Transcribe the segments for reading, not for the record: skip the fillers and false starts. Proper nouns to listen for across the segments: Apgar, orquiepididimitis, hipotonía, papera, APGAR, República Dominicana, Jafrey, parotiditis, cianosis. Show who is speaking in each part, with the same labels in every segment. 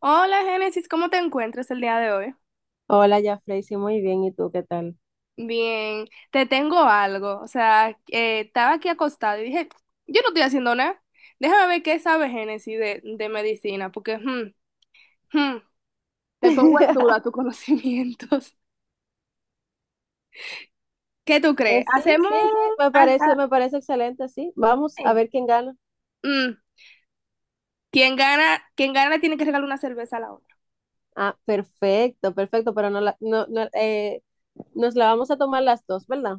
Speaker 1: Hola Génesis, ¿cómo te encuentras el día de hoy?
Speaker 2: Hola, Jafrey, sí, muy bien. ¿Y tú qué tal?
Speaker 1: Bien, te tengo algo. O sea, estaba aquí acostada y dije, yo no estoy haciendo nada. Déjame ver qué sabe Génesis de medicina, porque hmm, te pongo en duda tus conocimientos. ¿Qué tú crees?
Speaker 2: Sí, sí, sí, me parece,
Speaker 1: Hasta-
Speaker 2: me parece excelente, sí. Vamos a
Speaker 1: eh,
Speaker 2: ver quién gana.
Speaker 1: mm, quien gana tiene que regalar una cerveza a la otra.
Speaker 2: Ah, perfecto, perfecto, pero no, no, no, nos la vamos a tomar las dos, ¿verdad?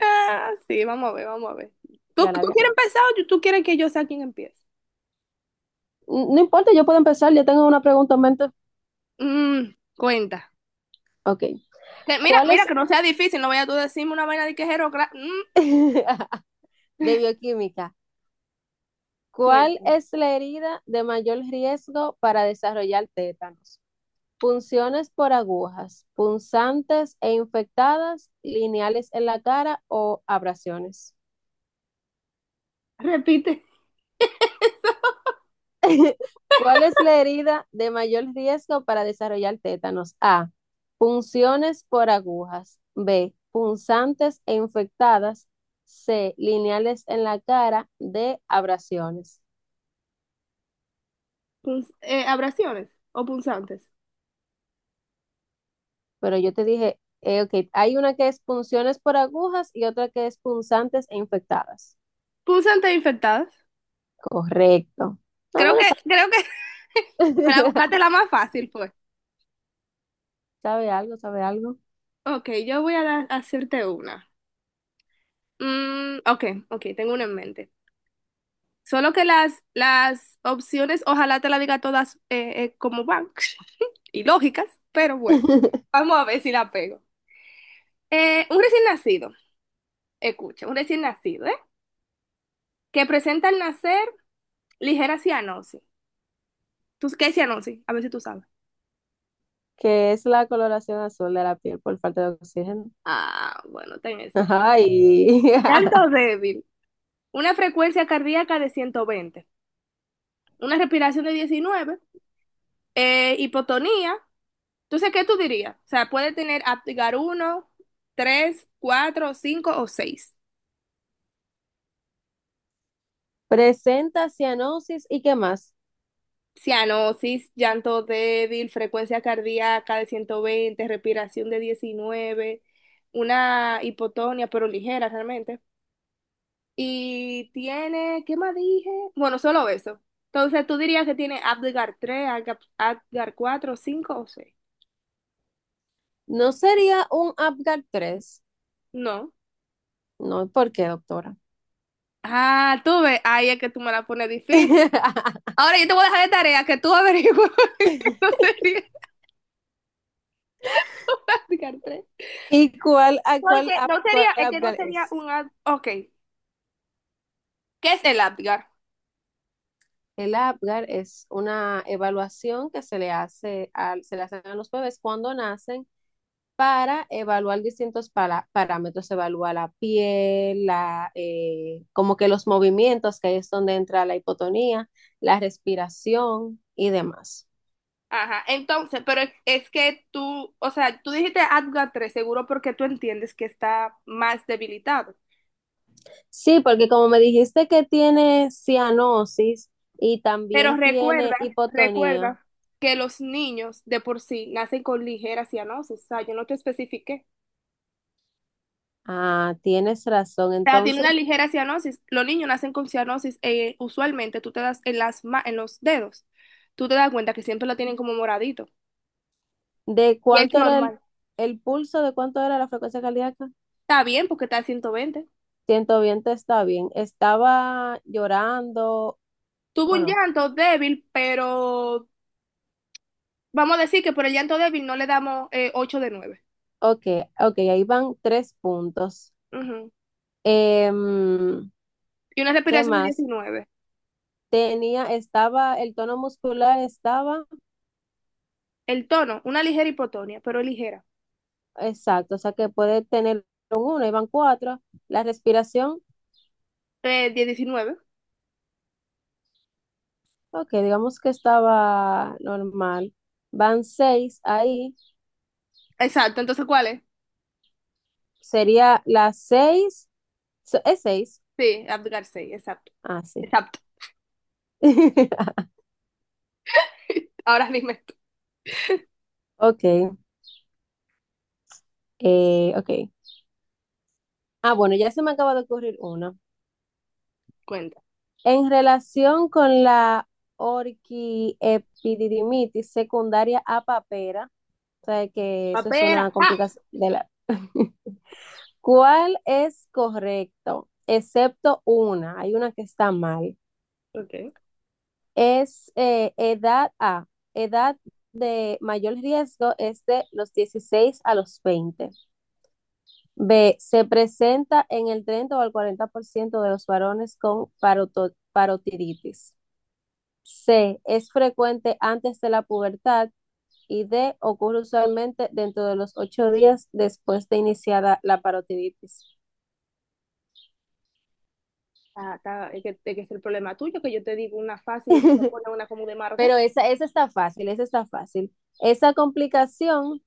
Speaker 1: Ah, sí, vamos a ver, vamos a ver. ¿Tú
Speaker 2: Ganar,
Speaker 1: quieres
Speaker 2: ganar.
Speaker 1: empezar o tú quieres que yo sea quien empiece?
Speaker 2: No importa, yo puedo empezar, yo tengo una pregunta en mente.
Speaker 1: Mm, cuenta.
Speaker 2: Ok,
Speaker 1: Que mira,
Speaker 2: ¿cuál
Speaker 1: mira,
Speaker 2: es
Speaker 1: que no sea difícil, no vaya tú a decirme una vaina de quejero.
Speaker 2: de bioquímica? ¿Cuál
Speaker 1: Cuenta.
Speaker 2: es la herida de mayor riesgo para desarrollar tétanos? Punciones por agujas, punzantes e infectadas, lineales en la cara o abrasiones.
Speaker 1: Repite.
Speaker 2: ¿Cuál es la herida de mayor riesgo para desarrollar tétanos? A. Punciones por agujas. B. Punzantes e infectadas. C. Lineales en la cara. D. Abrasiones.
Speaker 1: Abrasiones o punzantes.
Speaker 2: Pero yo te dije, ok, hay una que es punciones por agujas y otra que es punzantes e infectadas.
Speaker 1: Punzantes infectadas.
Speaker 2: Correcto. Ah,
Speaker 1: Creo
Speaker 2: bueno,
Speaker 1: que, creo que, para buscarte la más fácil fue.
Speaker 2: sabe, algo, sabe algo.
Speaker 1: Ok, yo voy a hacerte una. Ok, ok, tengo una en mente. Solo que las opciones, ojalá te la diga todas como van y lógicas, pero bueno, vamos a ver si la pego. Un recién nacido, escucha, un recién nacido, ¿eh? Que presenta al nacer ligera cianosis. ¿Tú qué es cianosis? A ver si tú sabes.
Speaker 2: Que es la coloración azul de la piel por falta de oxígeno.
Speaker 1: Ah, bueno, ten eso.
Speaker 2: Ay.
Speaker 1: Llanto débil. Una frecuencia cardíaca de 120. Una respiración de 19. Hipotonía. Entonces, ¿qué tú dirías? O sea, puede tener aptigar uno, tres, cuatro, cinco o seis.
Speaker 2: Presenta cianosis y qué más.
Speaker 1: Cianosis, llanto débil, frecuencia cardíaca de 120, respiración de 19, una hipotonia, pero ligera realmente. Y tiene, ¿qué más dije? Bueno, solo eso. Entonces, ¿tú dirías que tiene Apgar 3 Apgar 4, 5 o seis?
Speaker 2: ¿No sería un Apgar 3?
Speaker 1: No.
Speaker 2: No, ¿por qué, doctora?
Speaker 1: Ah, tú ves, ahí es que tú me la pones difícil. Ahora yo te voy a dejar de tarea que tú averigües que no sería un Apgar 3.
Speaker 2: ¿Y cuál, a cuál,
Speaker 1: Porque
Speaker 2: Ap-
Speaker 1: no sería,
Speaker 2: cuál
Speaker 1: es que no
Speaker 2: Apgar
Speaker 1: sería
Speaker 2: es?
Speaker 1: un Apgar. Ok, ¿qué es el Apgar?
Speaker 2: El APGAR es una evaluación que se le hacen a los bebés cuando nacen para evaluar distintos parámetros, evalúa la piel, como que los movimientos, que ahí es donde entra la hipotonía, la respiración y demás.
Speaker 1: Ajá, entonces, pero es que tú, o sea, tú dijiste Apgar 3 seguro porque tú entiendes que está más debilitado.
Speaker 2: Sí, porque como me dijiste que tiene cianosis y
Speaker 1: Pero
Speaker 2: también tiene
Speaker 1: recuerda,
Speaker 2: hipotonía,
Speaker 1: recuerda que los niños de por sí nacen con ligera cianosis. O sea, yo no te especifiqué.
Speaker 2: ah, tienes razón.
Speaker 1: O sea, tiene
Speaker 2: Entonces,
Speaker 1: una ligera cianosis. Los niños nacen con cianosis. Usualmente tú te das en en los dedos. Tú te das cuenta que siempre lo tienen como moradito.
Speaker 2: ¿de
Speaker 1: Y es
Speaker 2: cuánto era el,
Speaker 1: normal.
Speaker 2: el pulso? ¿De cuánto era la frecuencia cardíaca?
Speaker 1: Está bien porque está a 120.
Speaker 2: 120 está bien. Estaba llorando
Speaker 1: Tuvo
Speaker 2: o
Speaker 1: un
Speaker 2: no.
Speaker 1: llanto débil, pero vamos a decir que por el llanto débil no le damos 8 de nueve.
Speaker 2: Ok, ok, ahí van tres puntos.
Speaker 1: Ujú.
Speaker 2: Em,
Speaker 1: Y una
Speaker 2: ¿qué
Speaker 1: respiración de
Speaker 2: más?
Speaker 1: 19.
Speaker 2: El tono muscular estaba,
Speaker 1: El tono, una ligera hipotonia, pero ligera.
Speaker 2: exacto, o sea que puede tener un uno, ahí van cuatro. La respiración,
Speaker 1: De 19.
Speaker 2: ok, digamos que estaba normal. Van seis ahí.
Speaker 1: Exacto, entonces ¿cuál es?
Speaker 2: Sería las seis, es seis.
Speaker 1: Sí, Abdul 6, exacto,
Speaker 2: Ah, sí.
Speaker 1: exacto. Ahora mismo es tu
Speaker 2: Ok, ok. Ah, bueno, ya se me acaba de ocurrir uno.
Speaker 1: cuenta.
Speaker 2: En relación con la orquiepididimitis secundaria a papera, o sea que eso es una
Speaker 1: Papera, ¡ja!
Speaker 2: complicación de la... ¿Cuál es correcto? Excepto una, hay una que está mal.
Speaker 1: Ok.
Speaker 2: Es edad A, edad de mayor riesgo es de los 16 a los 20. B, se presenta en el 30 o el 40% de los varones con parotiditis. C. Es frecuente antes de la pubertad. Y D. Ocurre usualmente dentro de los 8 días después de iniciada la parotiditis.
Speaker 1: Ah, es que es el problema tuyo, que yo te digo una fácil y tú me pones una como de marga.
Speaker 2: Pero esa está fácil, esa está fácil. Esa complicación,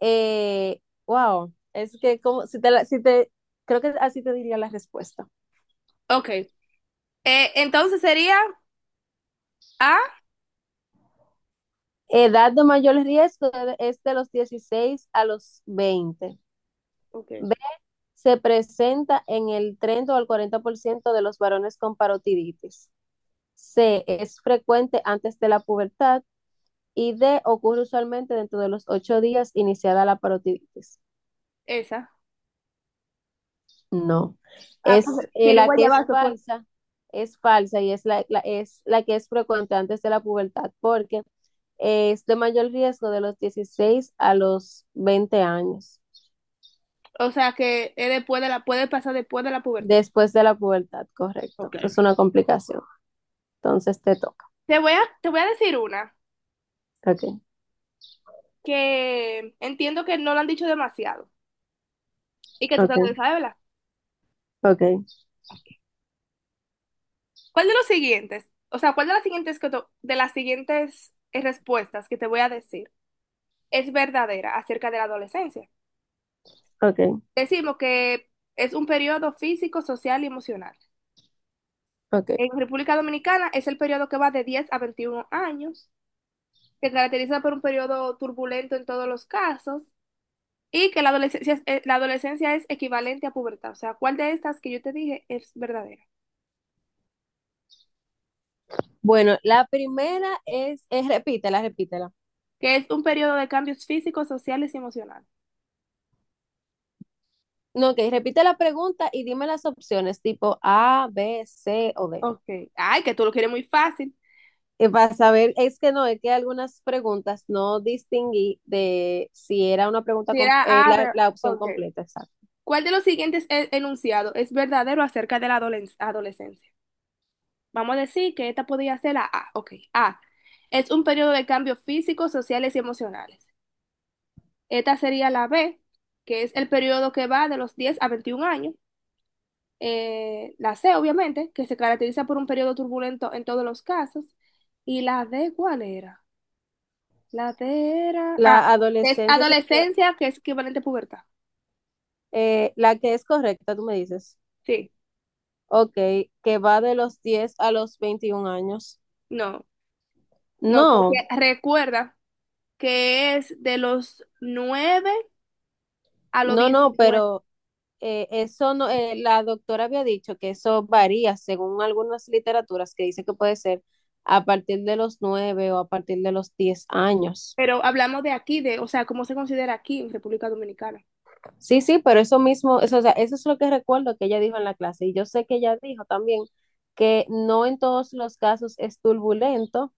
Speaker 2: eh, wow, es que como, si te, creo que así te diría la respuesta.
Speaker 1: Ok. Entonces sería A.
Speaker 2: Edad de mayor riesgo es de los 16 a los 20.
Speaker 1: Ok.
Speaker 2: B, se presenta en el 30 o el 40% de los varones con parotiditis. C, es frecuente antes de la pubertad. Y D, ocurre usualmente dentro de los ocho días iniciada la parotiditis.
Speaker 1: Esa.
Speaker 2: No,
Speaker 1: Ah, pues,
Speaker 2: es la
Speaker 1: pirigua
Speaker 2: que
Speaker 1: ya pues.
Speaker 2: es falsa y es es la que es frecuente antes de la pubertad porque es de mayor riesgo de los 16 a los 20 años,
Speaker 1: O sea que es puede pasar después de la pubertad.
Speaker 2: después de la pubertad, correcto.
Speaker 1: Ok.
Speaker 2: Es una complicación. Entonces te toca.
Speaker 1: Te voy a decir una
Speaker 2: Ok,
Speaker 1: que entiendo que no la han dicho demasiado y que tú te la
Speaker 2: ok,
Speaker 1: sabes, ¿verdad?
Speaker 2: ok,
Speaker 1: ¿Cuál de los siguientes, o sea, cuál de las siguientes, respuestas que te voy a decir es verdadera acerca de la adolescencia?
Speaker 2: ok,
Speaker 1: Decimos que es un periodo físico, social y emocional.
Speaker 2: ok.
Speaker 1: En República Dominicana es el periodo que va de 10 a 21 años, que caracteriza por un periodo turbulento en todos los casos, y que la adolescencia, la adolescencia es equivalente a pubertad. O sea, ¿cuál de estas que yo te dije es verdadera?
Speaker 2: Bueno, la primera es, repítela, repítela.
Speaker 1: Que es un periodo de cambios físicos, sociales y emocionales.
Speaker 2: No, ok, repite la pregunta y dime las opciones tipo A, B, C o D.
Speaker 1: Ok. Ay, que tú lo quieres muy fácil.
Speaker 2: Para saber, es que no, es que algunas preguntas no distinguí de si era una pregunta,
Speaker 1: Si
Speaker 2: com-
Speaker 1: era
Speaker 2: eh,
Speaker 1: A, B,
Speaker 2: la, la opción
Speaker 1: ok.
Speaker 2: completa, exacto.
Speaker 1: ¿Cuál de los siguientes enunciados es verdadero acerca de la adolescencia? Vamos a decir que esta podría ser la A. Ok. A. Es un periodo de cambios físicos, sociales y emocionales. Esta sería la B, que es el periodo que va de los 10 a 21 años. La C, obviamente, que se caracteriza por un periodo turbulento en todos los casos. Y la D, ¿cuál era? La D era. Ah,
Speaker 2: La
Speaker 1: es
Speaker 2: adolescencia sexual,
Speaker 1: adolescencia, que es equivalente a pubertad.
Speaker 2: la que es correcta, tú me dices.
Speaker 1: Sí,
Speaker 2: Ok, que va de los 10 a los 21 años.
Speaker 1: no. No, porque
Speaker 2: No,
Speaker 1: recuerda que es de los 9 a los
Speaker 2: no, no,
Speaker 1: 19.
Speaker 2: pero eso no, la doctora había dicho que eso varía según algunas literaturas que dice que puede ser a partir de los 9 o a partir de los 10 años.
Speaker 1: Pero hablamos de aquí, o sea, cómo se considera aquí en República Dominicana,
Speaker 2: Sí, sí, pero eso mismo, eso, o sea, eso es lo que recuerdo que ella dijo en la clase. Y yo sé que ella dijo también que no en todos los casos es turbulento.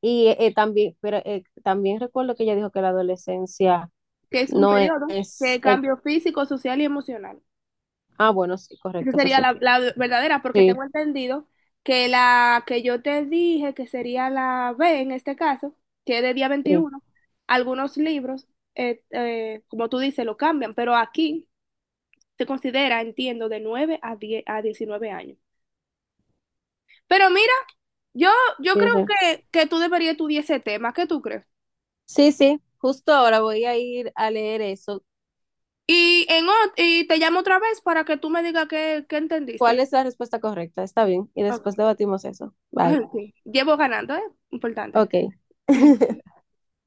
Speaker 2: Y también, pero también recuerdo que ella dijo que la adolescencia
Speaker 1: que es un
Speaker 2: no
Speaker 1: periodo
Speaker 2: es,
Speaker 1: de cambio físico, social y emocional.
Speaker 2: ah, bueno, sí,
Speaker 1: Esa
Speaker 2: correcto, eso
Speaker 1: sería
Speaker 2: sí.
Speaker 1: la verdadera, porque tengo
Speaker 2: Sí,
Speaker 1: entendido que la que yo te dije, que sería la B en este caso, que es de día
Speaker 2: sí,
Speaker 1: 21. Algunos libros, como tú dices, lo cambian, pero aquí se considera, entiendo, de 9 a 10, a 19 años. Pero mira, Yo, yo
Speaker 2: sí,
Speaker 1: creo
Speaker 2: sí.
Speaker 1: que tú deberías estudiar ese tema. ¿Qué tú crees?
Speaker 2: Sí, sí, justo ahora voy a ir a leer eso.
Speaker 1: Y te llamo otra vez para que tú me digas qué entendiste.
Speaker 2: ¿Cuál es la respuesta correcta? Está bien. Y
Speaker 1: Ok.
Speaker 2: después debatimos eso. Bye.
Speaker 1: Sí. Llevo ganando, ¿eh? Importante.
Speaker 2: Ok.